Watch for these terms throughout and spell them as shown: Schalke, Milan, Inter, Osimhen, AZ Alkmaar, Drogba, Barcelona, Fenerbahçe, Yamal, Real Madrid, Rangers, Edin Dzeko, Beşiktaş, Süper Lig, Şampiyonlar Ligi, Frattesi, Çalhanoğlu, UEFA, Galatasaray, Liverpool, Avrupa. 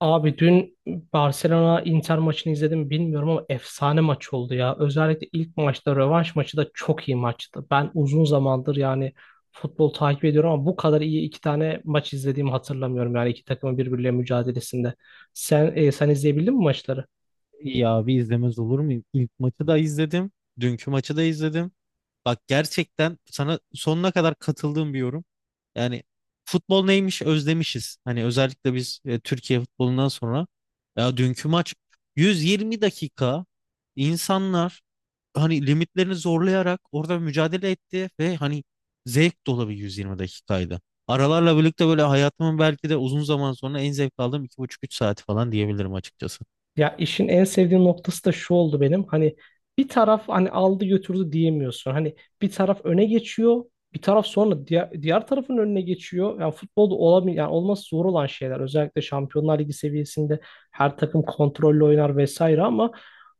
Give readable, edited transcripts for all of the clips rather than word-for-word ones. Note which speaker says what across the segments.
Speaker 1: Abi dün Barcelona Inter maçını izledim, bilmiyorum ama efsane maç oldu ya. Özellikle ilk maçta rövanş maçı da çok iyi maçtı. Ben uzun zamandır yani futbol takip ediyorum ama bu kadar iyi iki tane maç izlediğimi hatırlamıyorum. Yani iki takımın birbirleriyle mücadelesinde. Sen izleyebildin mi maçları?
Speaker 2: İyi abi izlemez olur muyum? İlk maçı da izledim. Dünkü maçı da izledim. Bak gerçekten sana sonuna kadar katıldığım bir yorum. Yani futbol neymiş özlemişiz. Hani özellikle biz Türkiye futbolundan sonra. Ya dünkü maç 120 dakika insanlar hani limitlerini zorlayarak orada mücadele etti ve hani zevk dolu bir 120 dakikaydı. Aralarla birlikte böyle hayatımın belki de uzun zaman sonra en zevk aldığım iki buçuk üç saati falan diyebilirim açıkçası.
Speaker 1: Ya, işin en sevdiğim noktası da şu oldu benim. Hani bir taraf hani aldı götürdü diyemiyorsun. Hani bir taraf öne geçiyor, bir taraf sonra diğer tarafın önüne geçiyor. Yani futbolda olamıyor yani olması zor olan şeyler. Özellikle Şampiyonlar Ligi seviyesinde her takım kontrollü oynar vesaire ama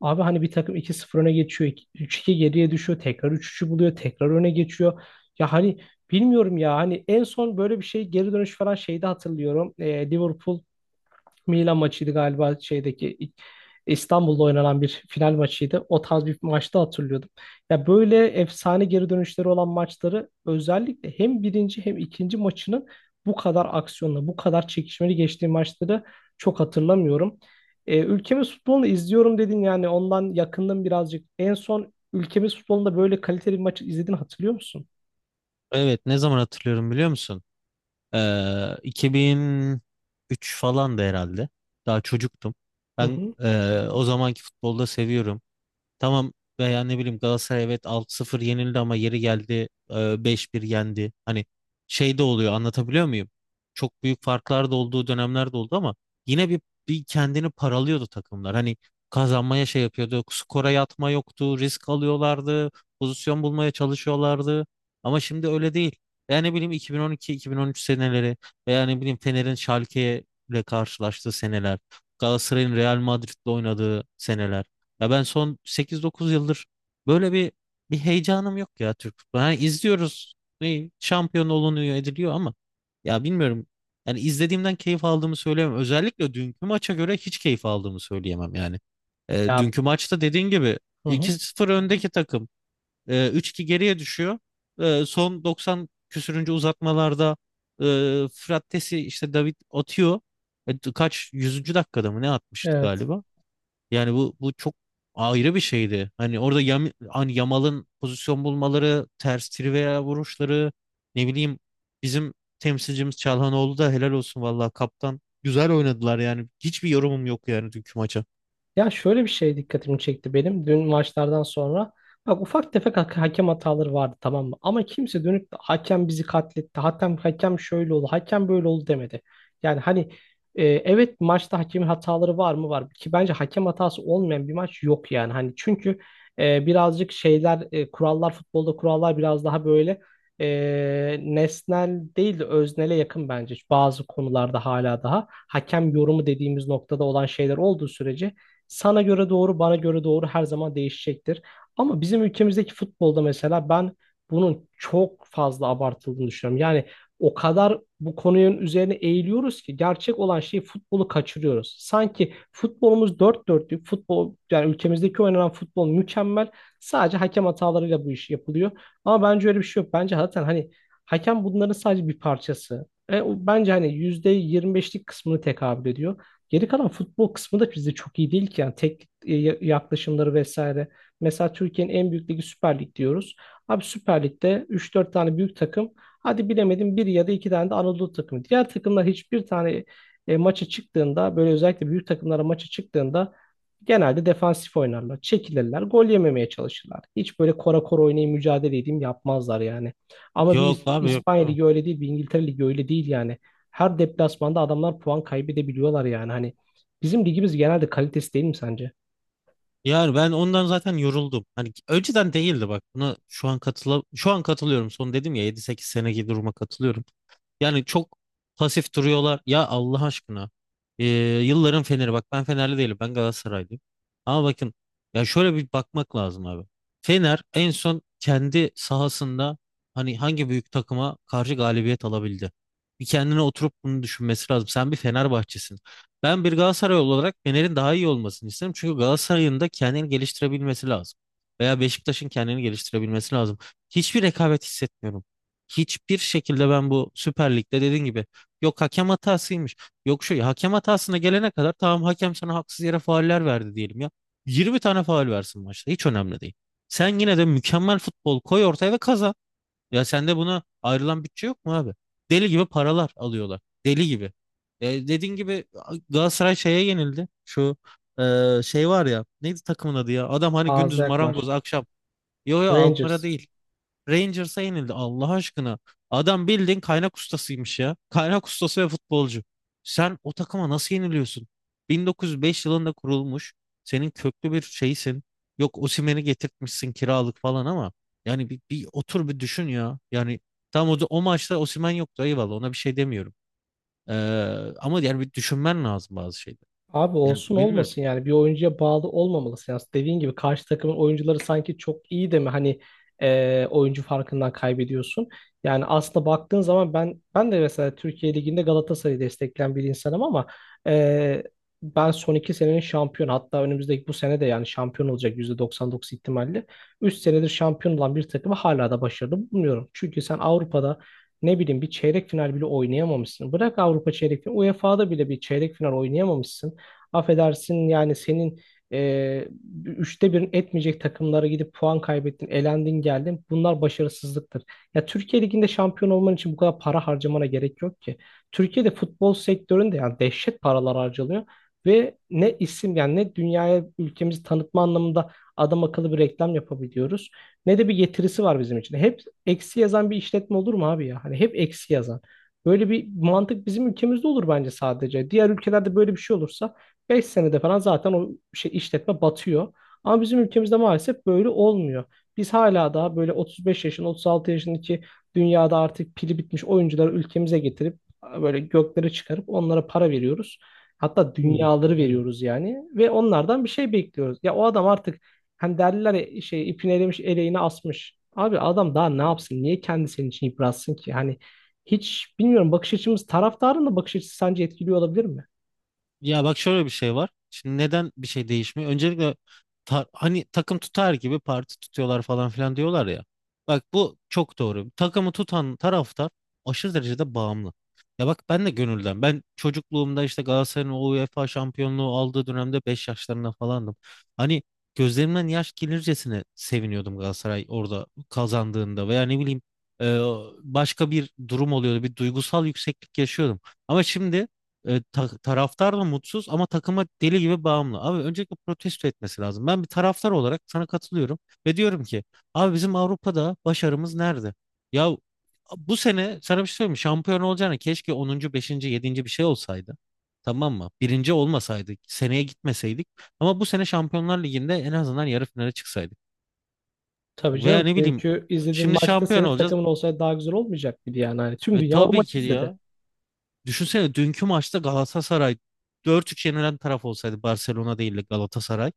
Speaker 1: abi hani bir takım iki 0 öne geçiyor, 3-2 geriye düşüyor, tekrar 3-3'ü buluyor, tekrar öne geçiyor. Ya hani bilmiyorum ya hani en son böyle bir şey geri dönüş falan şeyde hatırlıyorum. Liverpool Milan maçıydı galiba, şeydeki İstanbul'da oynanan bir final maçıydı. O tarz bir maçta hatırlıyordum. Ya böyle efsane geri dönüşleri olan maçları, özellikle hem birinci hem ikinci maçının bu kadar aksiyonla, bu kadar çekişmeli geçtiği maçları çok hatırlamıyorum. Ülkemiz futbolunu izliyorum dedin, yani ondan yakındım birazcık. En son ülkemiz futbolunda böyle kaliteli bir maçı izlediğini hatırlıyor musun?
Speaker 2: Evet ne zaman hatırlıyorum biliyor musun? 2003 falan da herhalde. Daha çocuktum.
Speaker 1: Hı
Speaker 2: Ben
Speaker 1: hı.
Speaker 2: o zamanki futbolda seviyorum. Tamam veya ne bileyim Galatasaray evet 6 sıfır yenildi ama yeri geldi 5-1 yendi. Hani şey de oluyor anlatabiliyor muyum? Çok büyük farklar da olduğu dönemler de oldu ama yine bir kendini paralıyordu takımlar. Hani kazanmaya şey yapıyordu. Skora yatma yoktu. Risk alıyorlardı. Pozisyon bulmaya çalışıyorlardı. Ama şimdi öyle değil. Yani ne bileyim 2012-2013 seneleri veya ne bileyim Fener'in Schalke ile karşılaştığı seneler. Galatasaray'ın Real Madrid'le oynadığı seneler. Ya ben son sekiz dokuz yıldır böyle bir heyecanım yok ya Türk futbolu. Hani izliyoruz. Ne, şampiyon olunuyor ediliyor ama ya bilmiyorum. Yani izlediğimden keyif aldığımı söyleyemem. Özellikle dünkü maça göre hiç keyif aldığımı söyleyemem yani.
Speaker 1: Ya,
Speaker 2: Dünkü maçta dediğin gibi
Speaker 1: hı
Speaker 2: iki
Speaker 1: hı.
Speaker 2: sıfır öndeki takım 3-2 geriye düşüyor. Son 90 küsürüncü uzatmalarda e, Frattesi işte David atıyor. Kaç yüzüncü dakikada mı ne atmıştı
Speaker 1: Evet.
Speaker 2: galiba? Yani bu çok ayrı bir şeydi. Hani orada hani Yamal'ın pozisyon bulmaları, ters trivia vuruşları, ne bileyim bizim temsilcimiz Çalhanoğlu da helal olsun vallahi kaptan. Güzel oynadılar yani. Hiçbir yorumum yok yani dünkü maça.
Speaker 1: Ya, şöyle bir şey dikkatimi çekti benim dün maçlardan sonra. Bak ufak tefek hakem hataları vardı, tamam mı? Ama kimse dönüp de hakem bizi katletti, hakem şöyle oldu, hakem böyle oldu demedi. Yani hani evet, maçta hakemin hataları var mı, var, ki bence hakem hatası olmayan bir maç yok yani. Hani çünkü birazcık şeyler, kurallar, futbolda kurallar biraz daha böyle nesnel değil de öznele yakın bence. Bazı konularda hala daha hakem yorumu dediğimiz noktada olan şeyler olduğu sürece sana göre doğru, bana göre doğru her zaman değişecektir. Ama bizim ülkemizdeki futbolda mesela ben bunun çok fazla abartıldığını düşünüyorum. Yani o kadar bu konunun üzerine eğiliyoruz ki gerçek olan şeyi, futbolu kaçırıyoruz. Sanki futbolumuz dört dörtlük futbol, yani ülkemizdeki oynanan futbol mükemmel. Sadece hakem hatalarıyla bu iş yapılıyor. Ama bence öyle bir şey yok. Bence zaten hani hakem bunların sadece bir parçası. O bence hani %25'lik kısmını tekabül ediyor. Geri kalan futbol kısmı da bizde çok iyi değil ki. Yani teknik yaklaşımları vesaire. Mesela Türkiye'nin en büyük ligi Süper Lig diyoruz. Abi Süper Lig'de 3-4 tane büyük takım. Hadi bilemedim bir ya da iki tane de Anadolu takımı. Diğer takımlar hiçbir tane maça çıktığında, böyle özellikle büyük takımlara maça çıktığında genelde defansif oynarlar. Çekilirler. Gol yememeye çalışırlar. Hiç böyle kora kora oynayıp mücadele edeyim yapmazlar yani. Ama bir
Speaker 2: Yok abi yok.
Speaker 1: İspanya
Speaker 2: Yok.
Speaker 1: Ligi öyle değil. Bir İngiltere Ligi öyle değil yani. Her deplasmanda adamlar puan kaybedebiliyorlar yani. Hani bizim ligimiz genelde kalitesi değil mi sence?
Speaker 2: Yani ben ondan zaten yoruldum. Hani önceden değildi bak. Buna şu an katılıyorum. Son dedim ya yedi sekiz seneki duruma katılıyorum. Yani çok pasif duruyorlar. Ya Allah aşkına. Ee, Yılların Fener'i bak ben Fenerli değilim, ben Galatasaraylıyım. Ama bakın ya şöyle bir bakmak lazım abi. Fener en son kendi sahasında hani hangi büyük takıma karşı galibiyet alabildi? Bir kendine oturup bunu düşünmesi lazım. Sen bir Fenerbahçesin. Ben bir Galatasaray olarak Fener'in daha iyi olmasını isterim. Çünkü Galatasaray'ın da kendini geliştirebilmesi lazım. Veya Beşiktaş'ın kendini geliştirebilmesi lazım. Hiçbir rekabet hissetmiyorum. Hiçbir şekilde ben bu Süper Lig'de dediğin gibi yok hakem hatasıymış. Yok şu hakem hatasına gelene kadar tamam, hakem sana haksız yere fauller verdi diyelim ya. 20 tane faul versin maçta, hiç önemli değil. Sen yine de mükemmel futbol koy ortaya ve kazan. Ya sende buna ayrılan bütçe yok mu abi? Deli gibi paralar alıyorlar. Deli gibi. Dediğin gibi Galatasaray şeye yenildi. Şu e, şey var ya, neydi takımın adı ya? Adam hani
Speaker 1: AZ
Speaker 2: gündüz
Speaker 1: Alkmaar,
Speaker 2: marangoz, akşam. Yo yo, Alkmaar'a
Speaker 1: Rangers.
Speaker 2: değil. Rangers'a yenildi Allah aşkına. Adam bildiğin kaynak ustasıymış ya. Kaynak ustası ve futbolcu. Sen o takıma nasıl yeniliyorsun? 1905 yılında kurulmuş. Senin köklü bir şeysin. Yok Osimhen'i getirtmişsin kiralık falan ama yani bir otur bir düşün ya. Yani tam o maçta Osimhen yoktu, eyvallah, ona bir şey demiyorum. Ee, Ama yani bir düşünmen lazım bazı şeyleri.
Speaker 1: Abi
Speaker 2: Yani
Speaker 1: olsun
Speaker 2: bilmiyorum.
Speaker 1: olmasın, yani bir oyuncuya bağlı olmamalısın. Yani dediğin gibi karşı takımın oyuncuları sanki çok iyi de mi hani oyuncu farkından kaybediyorsun. Yani aslında baktığın zaman ben de mesela Türkiye Ligi'nde Galatasaray'ı destekleyen bir insanım ama e, ben son iki senenin şampiyon, hatta önümüzdeki bu sene de yani şampiyon olacak %99 ihtimalle. 3 senedir şampiyon olan bir takımı hala da başarılı bulmuyorum. Çünkü sen Avrupa'da ne bileyim bir çeyrek final bile oynayamamışsın. Bırak Avrupa çeyrek finali, UEFA'da bile bir çeyrek final oynayamamışsın. Affedersin yani senin e, üçte birin etmeyecek takımlara gidip puan kaybettin, elendin geldin. Bunlar başarısızlıktır. Ya Türkiye Ligi'nde şampiyon olman için bu kadar para harcamana gerek yok ki. Türkiye'de futbol sektöründe yani dehşet paralar harcanıyor ve ne isim, yani ne dünyaya ülkemizi tanıtma anlamında adam akıllı bir reklam yapabiliyoruz, ne de bir getirisi var bizim için. Hep eksi yazan bir işletme olur mu abi ya? Hani hep eksi yazan. Böyle bir mantık bizim ülkemizde olur bence sadece. Diğer ülkelerde böyle bir şey olursa 5 senede falan zaten o şey işletme batıyor. Ama bizim ülkemizde maalesef böyle olmuyor. Biz hala daha böyle 35 yaşın, 36 yaşındaki dünyada artık pili bitmiş oyuncuları ülkemize getirip böyle göklere çıkarıp onlara para veriyoruz. Hatta
Speaker 2: Hmm,
Speaker 1: dünyaları
Speaker 2: yani.
Speaker 1: veriyoruz yani, ve onlardan bir şey bekliyoruz. Ya o adam artık, hani derler ya, şey ipini elemiş eleğini asmış. Abi adam daha ne yapsın? Niye kendi senin için yıpratsın ki? Hani hiç bilmiyorum, bakış açımız, taraftarın da bakış açısı sence etkiliyor olabilir mi?
Speaker 2: Ya bak şöyle bir şey var. Şimdi neden bir şey değişmiyor? Öncelikle hani takım tutar gibi parti tutuyorlar falan filan diyorlar ya. Bak bu çok doğru. Takımı tutan taraftar aşırı derecede bağımlı. Ya bak ben de gönülden. Ben çocukluğumda işte Galatasaray'ın o UEFA şampiyonluğu aldığı dönemde 5 yaşlarında falandım. Hani gözlerimden yaş gelircesine seviniyordum Galatasaray orada kazandığında veya ne bileyim e, başka bir durum oluyordu. Bir duygusal yükseklik yaşıyordum. Ama şimdi taraftar da mutsuz ama takıma deli gibi bağımlı. Abi öncelikle protesto etmesi lazım. Ben bir taraftar olarak sana katılıyorum ve diyorum ki abi bizim Avrupa'da başarımız nerede? Ya bu sene sana bir şey söyleyeyim mi? Şampiyon olacağına keşke onuncu, beşinci, yedinci bir şey olsaydı. Tamam mı? Birinci olmasaydık, seneye gitmeseydik. Ama bu sene Şampiyonlar Ligi'nde en azından yarı finale çıksaydık.
Speaker 1: Tabii
Speaker 2: Veya
Speaker 1: canım.
Speaker 2: ne bileyim
Speaker 1: Çünkü izlediğin
Speaker 2: şimdi
Speaker 1: maçta
Speaker 2: şampiyon
Speaker 1: senin
Speaker 2: olacağız.
Speaker 1: takımın olsaydı daha güzel olmayacak mıydı yani? Hani tüm dünya o
Speaker 2: Tabii
Speaker 1: maçı
Speaker 2: ki
Speaker 1: izledi.
Speaker 2: ya. Düşünsene dünkü maçta Galatasaray dört 3 yenilen taraf olsaydı Barcelona değil de Galatasaray.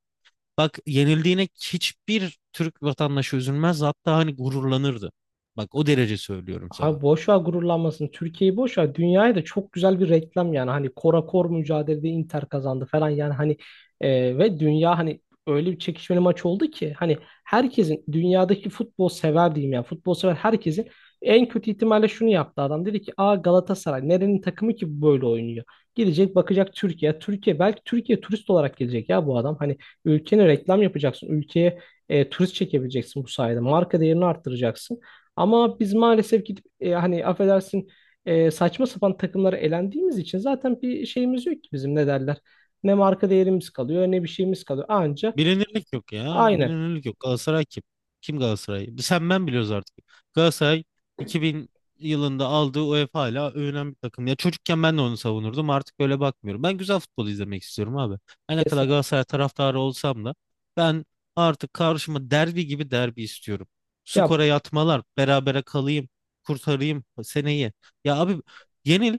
Speaker 2: Bak yenildiğine hiçbir Türk vatandaşı üzülmez, hatta hani gururlanırdı. Bak o derece söylüyorum sana.
Speaker 1: Abi boş ver gururlanmasın. Türkiye'yi boş ver. Dünyaya da çok güzel bir reklam yani. Hani kora kor mücadelede Inter kazandı falan yani hani ve dünya hani öyle bir çekişmeli maç oldu ki, hani herkesin, dünyadaki futbol sever diyeyim yani, futbol sever herkesin en kötü ihtimalle şunu yaptı adam. Dedi ki, aa Galatasaray nerenin takımı ki bu böyle oynuyor. Gidecek bakacak Türkiye. Türkiye belki, Türkiye turist olarak gelecek ya bu adam. Hani ülkene reklam yapacaksın. Ülkeye turist çekebileceksin bu sayede. Marka değerini arttıracaksın. Ama biz maalesef gidip hani affedersin saçma sapan takımlara elendiğimiz için zaten bir şeyimiz yok ki bizim, ne derler. Ne marka değerimiz kalıyor, ne bir şeyimiz kalıyor. Anca,
Speaker 2: Bilinirlik yok ya.
Speaker 1: aynen,
Speaker 2: Bilinirlik yok. Galatasaray kim? Kim Galatasaray? Sen ben biliyoruz artık. Galatasaray 2000 yılında aldığı UEFA ile övünen bir takım. Ya çocukken ben de onu savunurdum. Artık öyle bakmıyorum. Ben güzel futbol izlemek istiyorum abi. Her ne kadar
Speaker 1: kesinlikle.
Speaker 2: Galatasaray taraftarı olsam da ben artık karşıma derbi gibi derbi istiyorum.
Speaker 1: Ya,
Speaker 2: Skora yatmalar, berabere kalayım, kurtarayım seneyi. Ya abi, yenil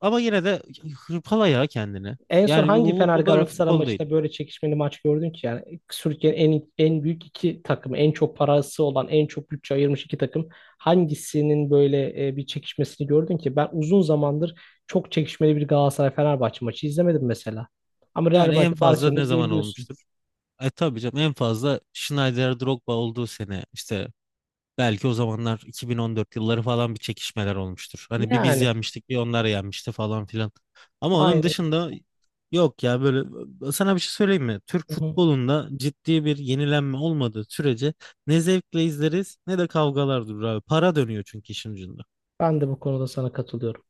Speaker 2: ama yine de hırpala ya kendini.
Speaker 1: en son
Speaker 2: Yani
Speaker 1: hangi
Speaker 2: bu
Speaker 1: Fener
Speaker 2: bu böyle
Speaker 1: Galatasaray
Speaker 2: futbol değil.
Speaker 1: maçında böyle çekişmeli maç gördün ki? Yani Türkiye'nin en büyük iki takımı, en çok parası olan, en çok bütçe ayırmış iki takım, hangisinin böyle bir çekişmesini gördün ki? Ben uzun zamandır çok çekişmeli bir Galatasaray-Fenerbahçe maçı izlemedim mesela. Ama Real
Speaker 2: Yani en
Speaker 1: Madrid
Speaker 2: fazla
Speaker 1: Barcelona
Speaker 2: ne zaman
Speaker 1: izleyebiliyorsun.
Speaker 2: olmuştur? Tabii canım, en fazla Schneider Drogba olduğu sene işte, belki o zamanlar 2014 yılları falan bir çekişmeler olmuştur. Hani bir biz
Speaker 1: Yani,
Speaker 2: yenmiştik, bir onlar yenmişti falan filan. Ama onun
Speaker 1: aynen.
Speaker 2: dışında yok ya böyle. Sana bir şey söyleyeyim mi? Türk
Speaker 1: Hı hı.
Speaker 2: futbolunda ciddi bir yenilenme olmadığı sürece ne zevkle izleriz ne de kavgalar durur abi. Para dönüyor çünkü işin ucunda.
Speaker 1: Ben de bu konuda sana katılıyorum.